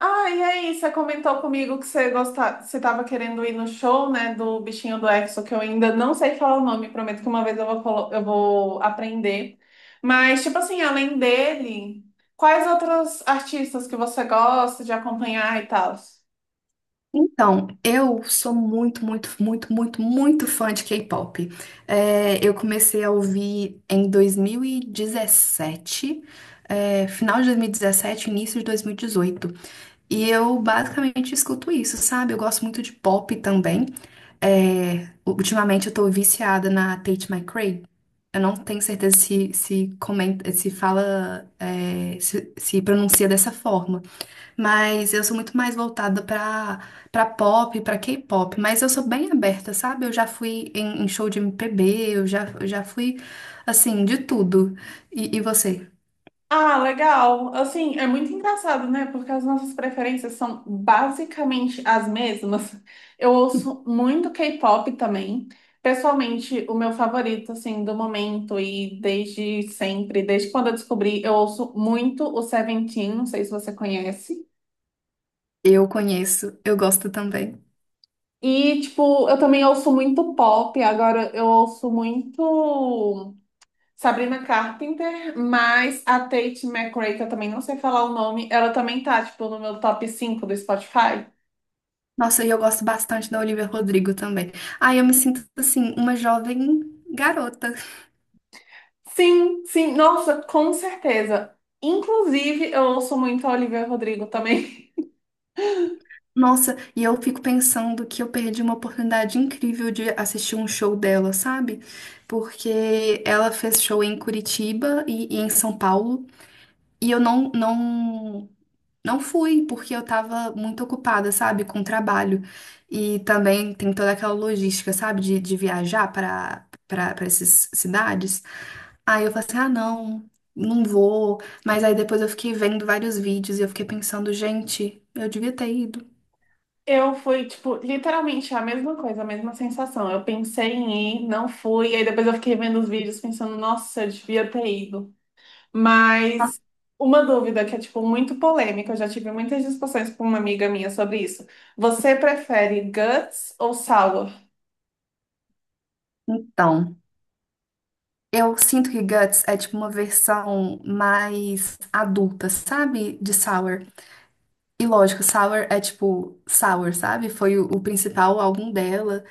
Ah, e aí, você comentou comigo que você gosta... você estava querendo ir no show, né, do bichinho do EXO, que eu ainda não sei falar o nome, prometo que uma vez eu vou, eu vou aprender. Mas, tipo assim, além dele, quais outros artistas que você gosta de acompanhar e tal? Então, eu sou muito, muito, muito, muito, muito fã de K-pop. Eu comecei a ouvir em 2017, final de 2017, início de 2018. E dezoito. E eu basicamente escuto isso, sabe? Eu gosto muito de pop também. Ultimamente eu tô viciada na Tate McRae. Eu não tenho certeza se comenta, se fala, se pronuncia dessa forma. Mas eu sou muito mais voltada pra para pop, pra K-pop, mas eu sou bem aberta, sabe? Eu já fui em show de MPB, eu já fui assim, de tudo. E você? Ah, legal. Assim, é muito engraçado, né? Porque as nossas preferências são basicamente as mesmas. Eu ouço muito K-pop também. Pessoalmente, o meu favorito, assim, do momento e desde sempre, desde quando eu descobri, eu ouço muito o Seventeen, não sei se você conhece. Eu conheço, eu gosto também. E, tipo, eu também ouço muito pop, agora eu ouço muito. Sabrina Carpenter, mas a Tate McRae, que eu também não sei falar o nome, ela também tá, tipo, no meu top 5 do Spotify. Nossa, e eu gosto bastante da Olivia Rodrigo também. Ai, eu me sinto assim, uma jovem garota. Sim, sim, nossa, com certeza. Inclusive, eu ouço muito a Olivia Rodrigo também. Nossa, e eu fico pensando que eu perdi uma oportunidade incrível de assistir um show dela, sabe? Porque ela fez show em Curitiba e em São Paulo. E eu não fui, porque eu tava muito ocupada, sabe, com o trabalho. E também tem toda aquela logística, sabe, de viajar para essas cidades. Aí eu falei assim: ah, não, não vou. Mas aí depois eu fiquei vendo vários vídeos e eu fiquei pensando, gente, eu devia ter ido. Eu fui, tipo, literalmente a mesma coisa, a mesma sensação. Eu pensei em ir, não fui, aí depois eu fiquei vendo os vídeos pensando, nossa, eu devia ter ido. Mas uma dúvida que é tipo muito polêmica, eu já tive muitas discussões com uma amiga minha sobre isso. Você prefere guts ou sour? Então, eu sinto que Guts é tipo uma versão mais adulta, sabe, de Sour. E lógico, Sour é tipo Sour, sabe? Foi o principal álbum dela.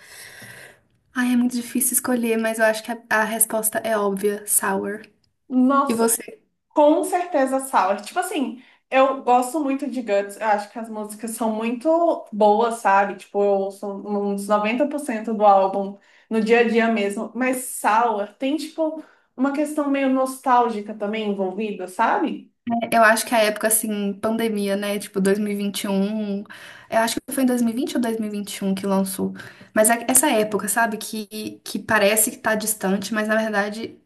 Ai, é muito difícil escolher, mas eu acho que a resposta é óbvia, Sour. E Nossa, você, com certeza sour. Tipo assim, eu gosto muito de guts, eu acho que as músicas são muito boas, sabe? Tipo, eu ouço uns 90% do álbum no dia a dia mesmo, mas sour tem tipo uma questão meio nostálgica também envolvida, sabe? né? Eu acho que a época assim, pandemia, né? Tipo dois mil e vinte e um. Eu acho que foi em 2020 ou dois mil e vinte e um que lançou. Mas é essa época, sabe? Que parece que tá distante, mas na verdade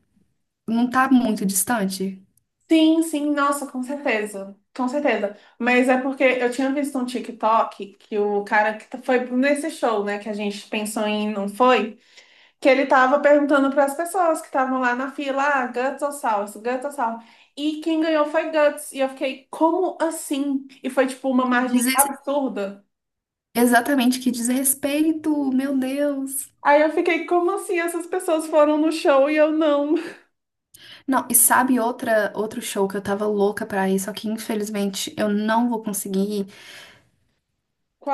não tá muito distante. Sim, sim, nossa, com certeza. Com certeza. Mas é porque eu tinha visto um TikTok que o cara que foi nesse show, né, que a gente pensou em não foi, que ele tava perguntando para as pessoas que estavam lá na fila, ah, Guts ou Salsa, Guts ou Salsa. E quem ganhou foi Guts. E eu fiquei, como assim? E foi tipo uma Que margem diz, absurda. exatamente, que diz respeito, meu Deus. Aí eu fiquei, como assim? Essas pessoas foram no show e eu não. Não, e sabe outra, outro show que eu tava louca pra ir, só que infelizmente eu não vou conseguir ir?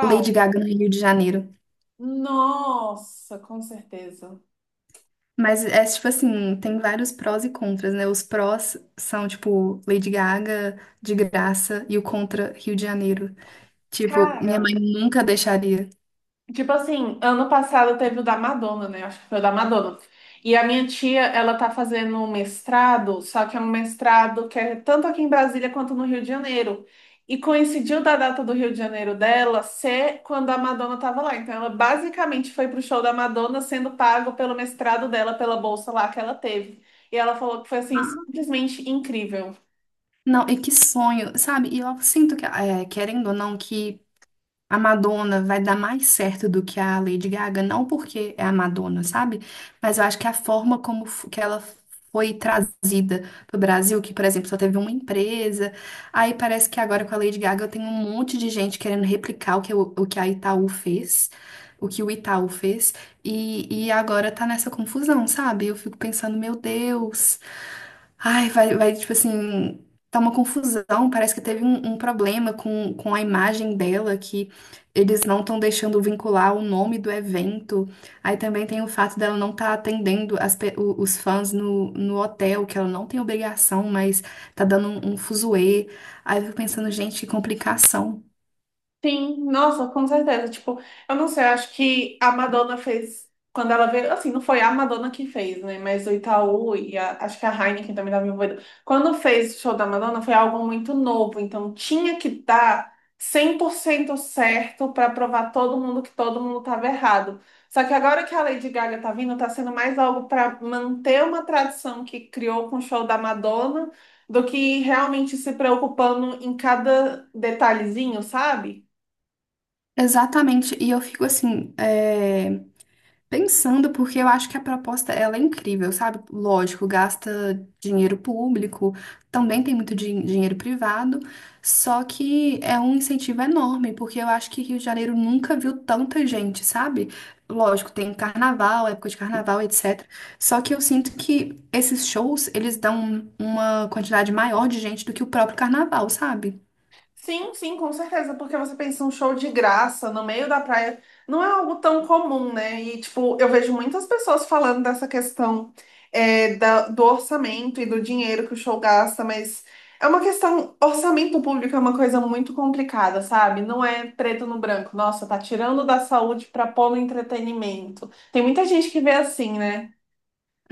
Lady Gaga no Rio de Janeiro. Nossa, com certeza. Mas é tipo assim, tem vários prós e contras, né? Os prós são tipo Lady Gaga de graça e o contra Rio de Janeiro. Tipo, minha mãe Cara. nunca deixaria. Tipo assim, ano passado teve o da Madonna, né? Acho que foi o da Madonna. E a minha tia, ela tá fazendo um mestrado, só que é um mestrado que é tanto aqui em Brasília quanto no Rio de Janeiro. E coincidiu da data do Rio de Janeiro dela ser quando a Madonna tava lá. Então ela basicamente foi pro show da Madonna sendo pago pelo mestrado dela, pela bolsa lá que ela teve. E ela falou que foi assim, simplesmente incrível. Não, e que sonho, sabe? E eu sinto que, é, querendo ou não, que a Madonna vai dar mais certo do que a Lady Gaga, não porque é a Madonna, sabe? Mas eu acho que a forma como que ela foi trazida pro Brasil, que, por exemplo, só teve uma empresa, aí parece que agora com a Lady Gaga tem um monte de gente querendo replicar o que, o que a Itaú fez, o que o Itaú fez, e agora tá nessa confusão, sabe? Eu fico pensando, meu Deus. Ai, vai, vai, tipo assim, tá uma confusão. Parece que teve um problema com a imagem dela, que eles não estão deixando vincular o nome do evento. Aí também tem o fato dela não estar atendendo os fãs no hotel, que ela não tem obrigação, mas tá dando um fuzuê. Aí eu fico pensando, gente, que complicação. Sim, nossa, com certeza. Tipo, eu não sei, eu acho que a Madonna fez, quando ela veio, assim, não foi a Madonna que fez, né? Mas o Itaú e acho que a Heineken também estava envolvida. Quando fez o show da Madonna, foi algo muito novo, então tinha que dar 100% certo para provar todo mundo que todo mundo estava errado. Só que agora que a Lady Gaga tá vindo, tá sendo mais algo para manter uma tradição que criou com o show da Madonna do que realmente se preocupando em cada detalhezinho, sabe? Exatamente, e eu fico assim, pensando, porque eu acho que a proposta ela é incrível, sabe? Lógico, gasta dinheiro público, também tem muito dinheiro privado, só que é um incentivo enorme, porque eu acho que Rio de Janeiro nunca viu tanta gente, sabe? Lógico, tem carnaval, época de carnaval, etc. Só que eu sinto que esses shows, eles dão uma quantidade maior de gente do que o próprio carnaval, sabe? Sim, sim, com certeza, porque você pensa um show de graça no meio da praia, não é algo tão comum, né? E, tipo, eu vejo muitas pessoas falando dessa questão é, do orçamento e do dinheiro que o show gasta, mas é uma questão, orçamento público é uma coisa muito complicada, sabe? Não é preto no branco, nossa, tá tirando da saúde pra pôr no entretenimento. Tem muita gente que vê assim, né?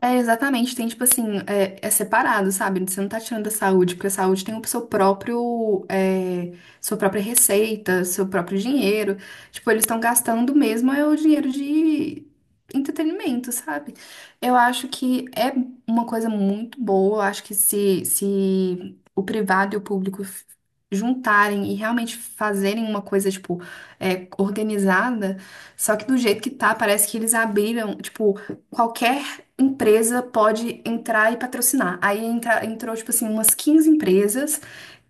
É, exatamente, tem tipo assim, é separado, sabe? Você não tá tirando da saúde, porque a saúde tem o seu próprio, sua própria receita, seu próprio dinheiro. Tipo, eles estão gastando mesmo é o dinheiro de entretenimento, sabe? Eu acho que é uma coisa muito boa, eu acho que se o privado e o público juntarem e realmente fazerem uma coisa, tipo, organizada, só que do jeito que tá, parece que eles abriram, tipo, qualquer empresa pode entrar e patrocinar. Aí entrou, tipo assim, umas 15 empresas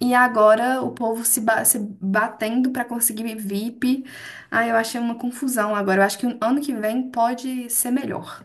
e agora o povo se batendo para conseguir VIP. Aí eu achei uma confusão agora. Eu acho que o ano que vem pode ser melhor.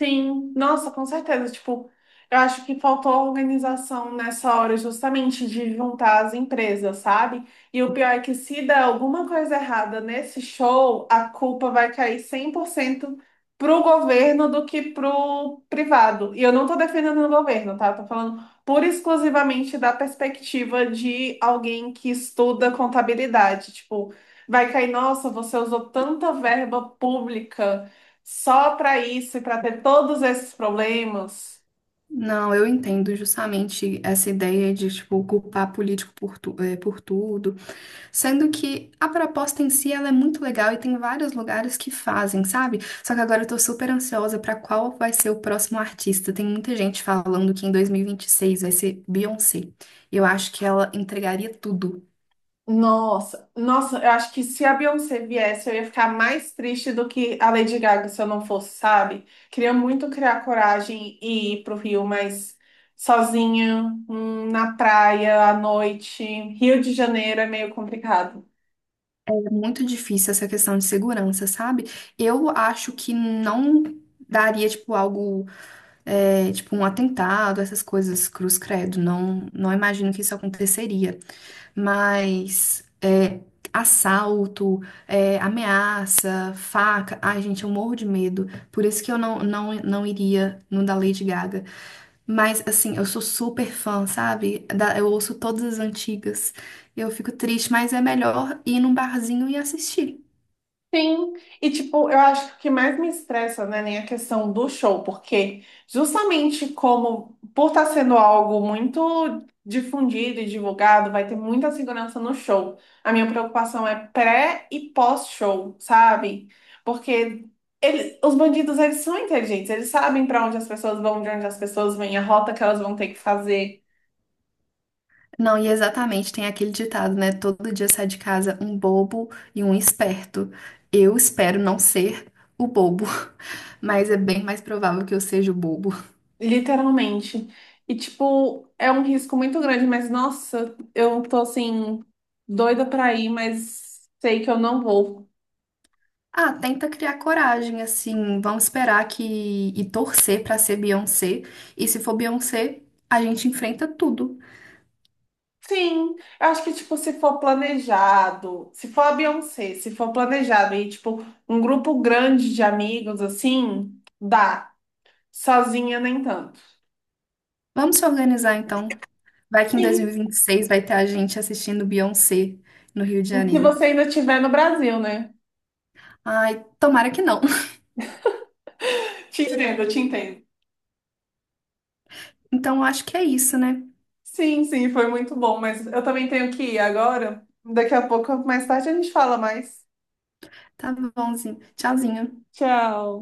Sim, nossa, com certeza. Tipo, eu acho que faltou organização nessa hora, justamente de juntar as empresas, sabe? E o pior é que se der alguma coisa errada nesse show, a culpa vai cair 100% pro governo do que pro privado. E eu não tô defendendo o governo, tá? Eu tô falando pura e exclusivamente da perspectiva de alguém que estuda contabilidade. Tipo, vai cair, nossa, você usou tanta verba pública. Só para isso e para ter todos esses problemas. Não, eu entendo justamente essa ideia de, tipo, culpar político por, por tudo. Sendo que a proposta em si ela é muito legal e tem vários lugares que fazem, sabe? Só que agora eu tô super ansiosa pra qual vai ser o próximo artista. Tem muita gente falando que em 2026 vai ser Beyoncé. Eu acho que ela entregaria tudo. Nossa, nossa, eu acho que se a Beyoncé viesse, eu ia ficar mais triste do que a Lady Gaga se eu não fosse, sabe? Queria muito criar coragem e ir pro Rio, mas sozinha, na praia, à noite, Rio de Janeiro é meio complicado. É muito difícil essa questão de segurança, sabe? Eu acho que não daria, tipo, algo tipo um atentado, essas coisas, cruz credo. Não, não imagino que isso aconteceria. Mas é, assalto, é, ameaça, faca. Ai, gente, eu morro de medo. Por isso que eu não iria no da Lady Gaga. Mas, assim, eu sou super fã, sabe? Eu ouço todas as antigas. Eu fico triste, mas é melhor ir num barzinho e assistir. Sim, e tipo, eu acho que o que mais me estressa, né, nem a questão do show, porque justamente como por estar sendo algo muito difundido e divulgado, vai ter muita segurança no show. A minha preocupação é pré e pós-show, sabe? Porque eles, os bandidos, eles são inteligentes, eles sabem para onde as pessoas vão, de onde as pessoas vêm, a rota que elas vão ter que fazer. Não, e exatamente, tem aquele ditado, né? Todo dia sai de casa um bobo e um esperto. Eu espero não ser o bobo, mas é bem mais provável que eu seja o bobo. Literalmente. E, tipo, é um risco muito grande, mas nossa, eu tô assim, doida pra ir, mas sei que eu não vou. Ah, tenta criar coragem, assim, vamos esperar que e torcer pra ser Beyoncé. E se for Beyoncé, a gente enfrenta tudo. Sim, eu acho que, tipo, se for planejado, se for a Beyoncé, se for planejado e, tipo, um grupo grande de amigos, assim, dá. Sozinha, nem tanto. Vamos se organizar então. Vai que em Sim, 2026 vai ter a gente assistindo Beyoncé no Rio de se Janeiro. você ainda estiver no Brasil, né? Ai, tomara que não. Te entendo, te entendo. Então eu acho que é isso, né? Sim, sim, foi muito bom, mas eu também tenho que ir agora. Daqui a pouco, mais tarde, a gente fala mais. Tá bonzinho. Tchauzinho. Tchau.